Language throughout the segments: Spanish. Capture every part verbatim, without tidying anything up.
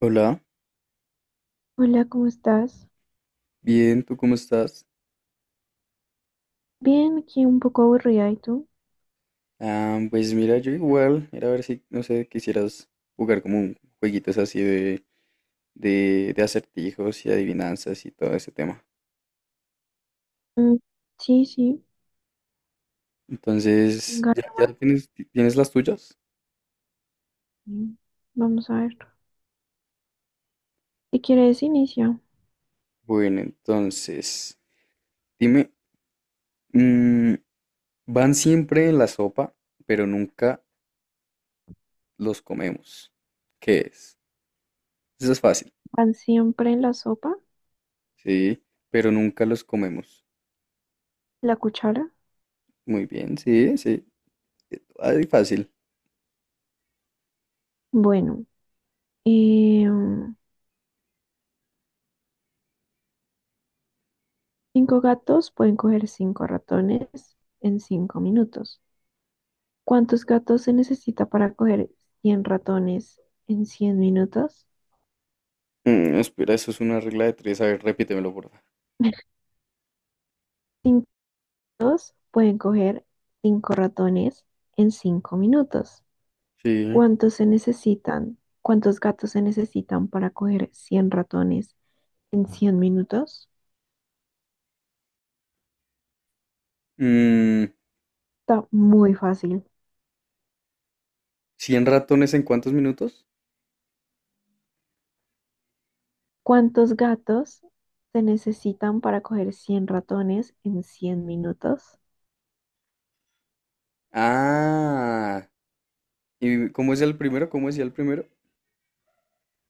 Hola, Hola, ¿cómo estás? bien, ¿tú cómo estás? Bien, aquí un poco aburrida, ¿y tú? Ah, pues mira, yo igual, era a ver si, no sé, quisieras jugar como un jueguitos así de, de, de acertijos y adivinanzas y todo ese tema. Mm, sí, sí, Entonces, venga, ¿ya, ya tienes, ti- tienes las tuyas? mm, vamos a ver. Si quieres, inicia. Bueno, entonces, dime, mm, van siempre en la sopa, pero nunca los comemos. ¿Qué es? Eso es fácil, ¿Van siempre en la sopa? sí, pero nunca los comemos. ¿La cuchara? Muy bien, sí, sí, eh, ay, fácil. Bueno, eh, mm, cinco gatos pueden coger cinco ratones en cinco minutos. ¿Cuántos gatos se necesita para coger cien ratones en cien minutos? Mm, espera, eso es una regla de tres. A ver, repítemelo, porfa. Cinco gatos pueden coger cinco ratones en cinco minutos. Sí. ¿Cuántos se necesitan? ¿Cuántos gatos se necesitan para coger cien ratones en cien minutos? Mm, Está muy fácil. ¿cien ratones en cuántos minutos? ¿Cuántos gatos se necesitan para coger cien ratones en cien minutos? Ah. ¿Y cómo es el primero? ¿Cómo decía el primero?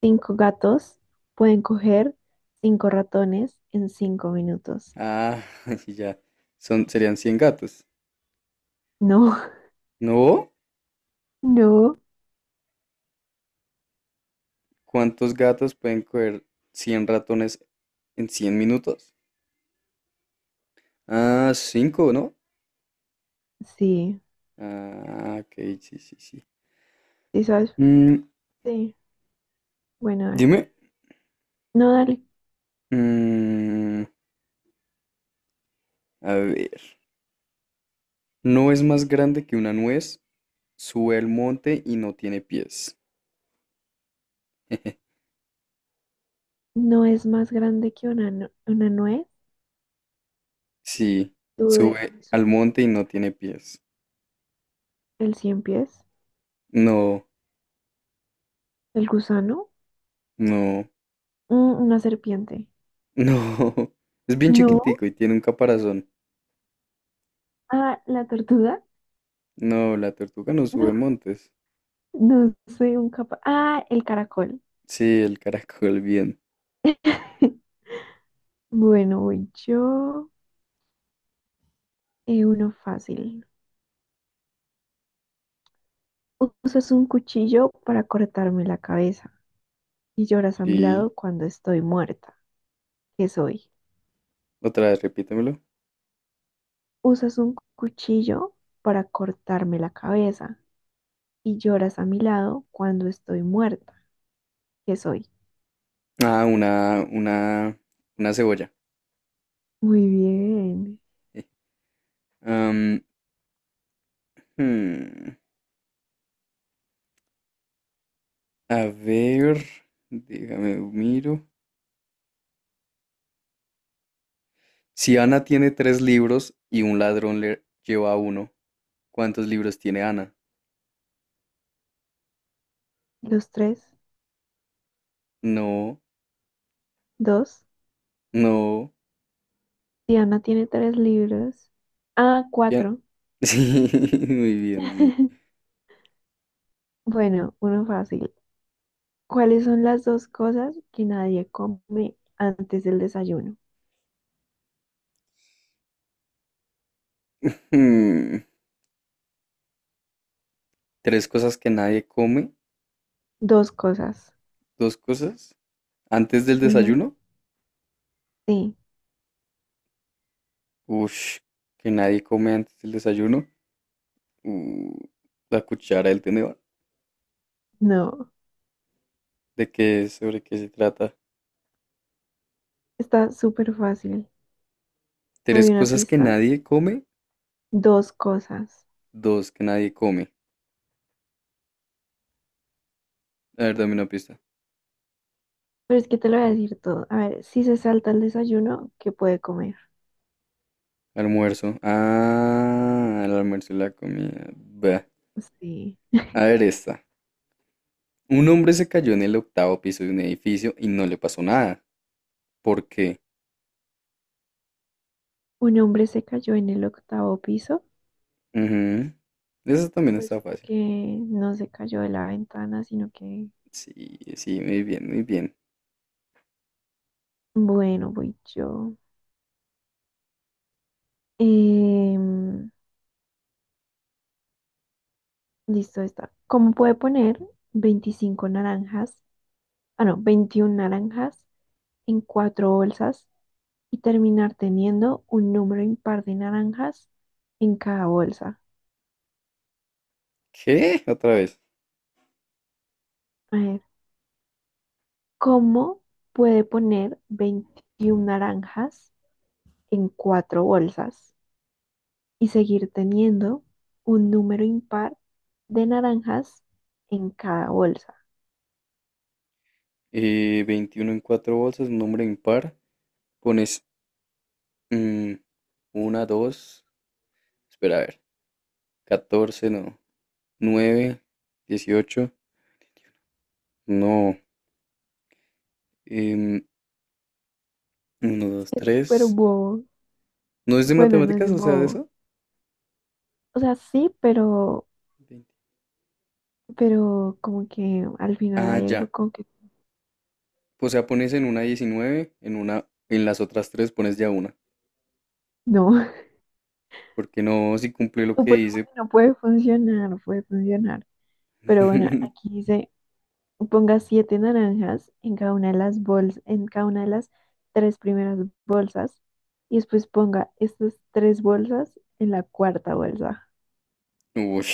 Cinco gatos pueden coger cinco ratones en cinco minutos. Ah, sí, ya. Son, serían cien gatos. No, ¿No? no, ¿Cuántos gatos pueden coger cien ratones en cien minutos? Ah, cinco, ¿no? sí. Ah, ok, sí, sí, sí. ¿Sí sabes? Mm, Sí. Bueno, dale. Dime. No, dale. Mm, a ver. ¿No es más grande que una nuez? Sube al monte y no tiene pies. No es más grande que una, nu- una nuez. Sí, Tuve sube su- al monte y no tiene pies. el cien pies, No, el gusano. no, Mm, una serpiente. no. Es bien No. chiquitico y tiene un caparazón. Ah, la tortuga. No, la tortuga no No, sube montes. no soy un capaz. Ah, el caracol. Sí, el caracol bien. Bueno, voy yo. Eh, uno fácil. Usas un cuchillo para cortarme la cabeza y lloras a mi Sí. lado cuando estoy muerta. ¿Qué soy? Otra vez, repítemelo. Usas un cuchillo para cortarme la cabeza y lloras a mi lado cuando estoy muerta. ¿Qué soy? Ah, una, una, una cebolla. Muy bien. Am, hmm, A ver, déjame miro. Si Ana tiene tres libros y un ladrón le lleva uno, ¿cuántos libros tiene Ana? Los tres, No, dos. no. Diana tiene tres libros. Ah, ya- cuatro. Sí, muy bien, sí. Bueno, uno fácil. ¿Cuáles son las dos cosas que nadie come antes del desayuno? Hmm, Tres cosas que nadie come. Dos cosas. Dos cosas. Antes del Ujú, desayuno. sí, Ush, que nadie come antes del desayuno. Uh, la cuchara el tenedor. no. ¿De qué es? ¿Sobre qué se trata? Está súper fácil. Te Tres doy una cosas que pista. nadie come. Dos cosas. Dos que nadie come. A ver, dame una pista. Pero es que te lo voy a decir todo. A ver, si se salta el desayuno, ¿qué puede comer? Almuerzo. Ah, el almuerzo y la comida. Bah. Sí. A ver, esta. Un hombre se cayó en el octavo piso de un edificio y no le pasó nada. ¿Por qué? Un hombre se cayó en el octavo piso, Ujú. Eso también pues está fácil. porque no se cayó de la ventana, sino que, Sí, sí, muy bien, muy bien. bueno, voy yo. Em, listo, está. ¿Cómo puede poner veinticinco naranjas, ah, no, veintiuna naranjas en cuatro bolsas y terminar teniendo un número impar de naranjas en cada bolsa? ¿Qué? Otra vez. A ver, ¿cómo puede poner veintiuna naranjas en cuatro bolsas y seguir teniendo un número impar de naranjas en cada bolsa? Eh, veintiuno en cuatro bolsas, un nombre impar. Pones mm, una, dos. Espera, a ver. Catorce, no. Nueve, dieciocho, no. em, Uno, dos, Es súper tres. bobo. ¿No es de Bueno, no matemáticas? es O sea, de bobo. eso. O sea, sí, pero, veinte. pero como que al final Ah, hay ya. algo como que O sea, pones en una diecinueve, en una, en las otras tres pones ya una. no. Porque no, si cumple lo O que pues dice. bueno, puede funcionar, puede funcionar. Pero bueno, aquí dice, ponga siete naranjas en cada una de las bolsas, en cada una de las tres primeras bolsas, y después ponga estas tres bolsas en la cuarta bolsa. Uy.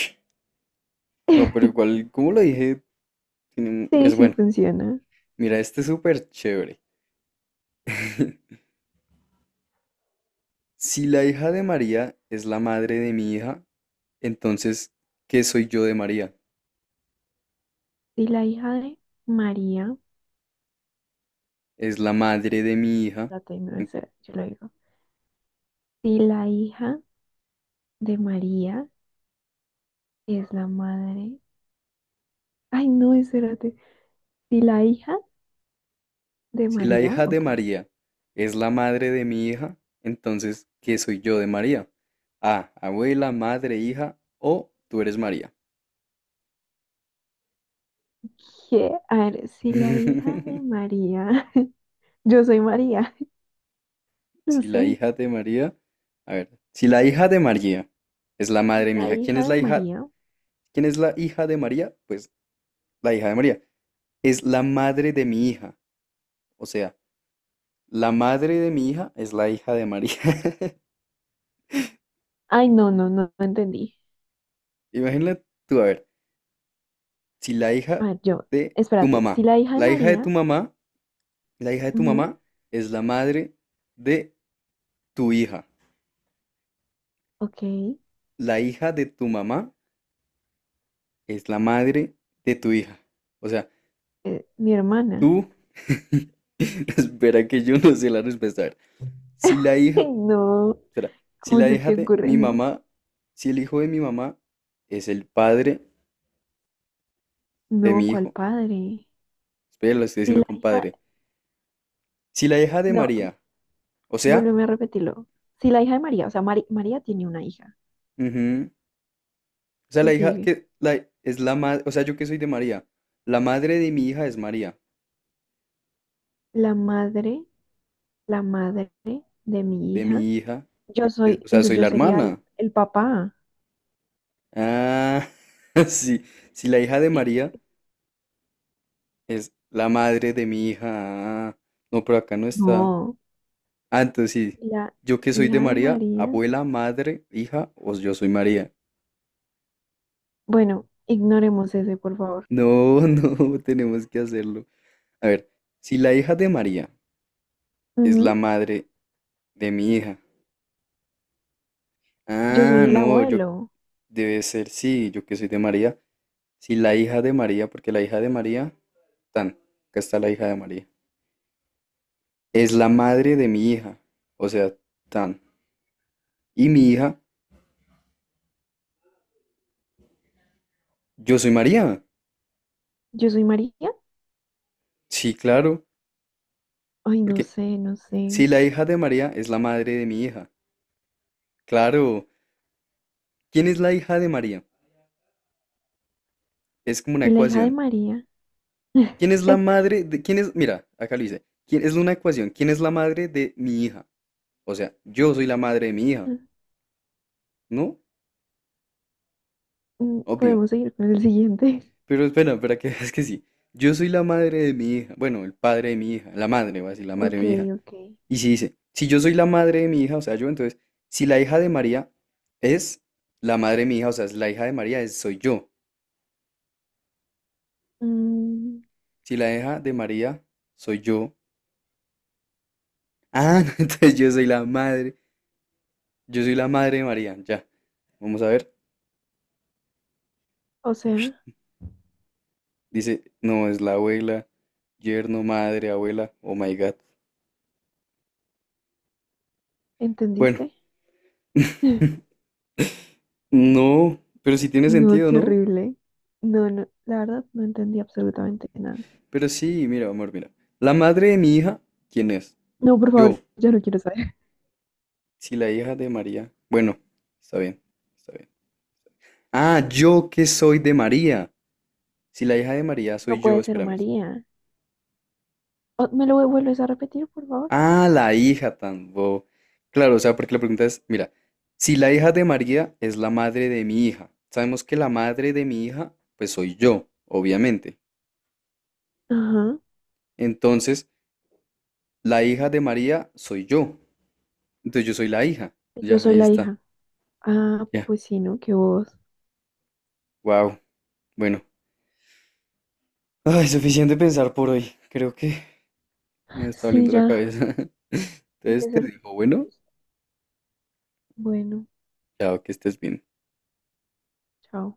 No, pero igual, como lo dije, tiene un- Sí, pues sí bueno, funciona. mira, este es súper chévere. Si la hija de María es la madre de mi hija, entonces, ¿qué soy yo de María? Si la hija de María, Es la madre de mi hija. espérate, no, En- esa yo lo digo. Si la hija de María es la madre. Ay, no, espérate. Si la hija de Si la María, hija de ok. María es la madre de mi hija, entonces, ¿qué soy yo de María? A, abuela, madre, hija o tú eres María. ¿Qué? A ver, si la hija de María, yo soy María, no Si la sé. hija de María, A ver, si la hija de María es la madre Si de mi la hija, ¿quién hija es de la hija? María, ¿Quién es la hija de María? Pues la hija de María es la madre de mi hija. O sea, la madre de mi hija es la hija de María. ay, no, no, no, no entendí. Imagínate tú, a ver, si la hija Ah, yo, de tu espérate. Si mamá, la hija de la hija de María, tu mamá, la hija de tu ujú, mamá es la madre de tu hija. ok, La hija de tu mamá es la madre de tu hija. O sea, eh, mi hermana. Tú, espera que yo no sé la respuesta. A ver, si la hija, Ay, no, espera, si ¿cómo la se hija te de ocurre mi ni? mamá, si el hijo de mi mamá es el padre de No, mi ¿cuál hijo, padre? espera, lo estoy Si diciendo la con hija, padre. Si la hija de no, María, o sea, vuélveme a repetirlo. Si la hija de María, o sea, Mari- María tiene una hija. ujú, o sea, ¿Qué la hija sigue? que la, es la madre, o sea, yo que soy de María, la madre de mi hija es María, La madre, la madre de mi de hija, mi hija, yo es- soy, o sea, entonces soy yo la sería el, hermana. el papá. Ah, sí, si la hija de María es la madre de mi hija. Ah, no, pero acá no está. No, Ah, entonces sí. la Yo que soy de hija de María, María. abuela, madre, hija, o yo soy María. Bueno, ignoremos ese, por favor. No, no, tenemos que hacerlo. A ver, si la hija de María es la Ujú. madre de mi hija. Yo Ah, soy el no, yo abuelo. debe ser sí, yo que soy de María. Si la hija de María, porque la hija de María, tan, acá está la hija de María. Es la madre de mi hija, o sea, tan. Y mi hija, yo soy María. Yo soy María. Sí, claro, Ay, no porque sé, no sé. si Y la hija de María es la madre de mi hija. Claro. ¿Quién es la hija de María? Es como una la hija de ecuación. María. ¿Quién es la madre de...? ¿Quién es...? Mira, acá lo dice. ¿Quién es una ecuación? ¿Quién es la madre de mi hija? O sea, yo soy la madre de mi hija, ¿no? Mm, Obvio. podemos seguir con el siguiente. Pero espera, espera, que es que sí. Yo soy la madre de mi hija. Bueno, el padre de mi hija. La madre, va a decir, la madre Ok, de mi hija. ok. Y si dice, si yo soy la madre de mi hija, o sea, yo, entonces, si la hija de María es la madre de mi hija, o sea, si la hija de María es, soy yo. Mm, Si la hija de María soy yo. Ah, entonces yo soy la madre. Yo soy la madre de María, ya. Vamos a ver. o sea, Dice, no, es la abuela, yerno, madre, abuela. Oh my God. Bueno, ¿entendiste? no, pero sí tiene No, sentido, qué ¿no? horrible. No, no, la verdad no entendí absolutamente nada. Pero sí, mira, amor, mira. La madre de mi hija, ¿quién es? No, por Yo. favor, yo no quiero saber. Si la hija de María. Bueno, está bien, está bien. Ah, yo que soy de María. Si la hija de María soy No yo, puede ser espérame, María. Oh, ¿me lo vuelves a repetir, por favor? ah, la hija tan bobo. Claro, o sea, porque la pregunta es, mira, si la hija de María es la madre de mi hija, sabemos que la madre de mi hija, pues soy yo, obviamente. Ajá. Entonces, la hija de María soy yo. Entonces yo soy la hija. Yo Ya, soy ahí la está. hija. Ah, Ya. pues sí, ¿no? Que vos. Wow. Bueno. Ay, suficiente pensar por hoy. Creo que me está Sí, doliendo la ya. cabeza. Entonces Ese te ser. dejo, bueno, Bueno, chao, que estés bien. chao.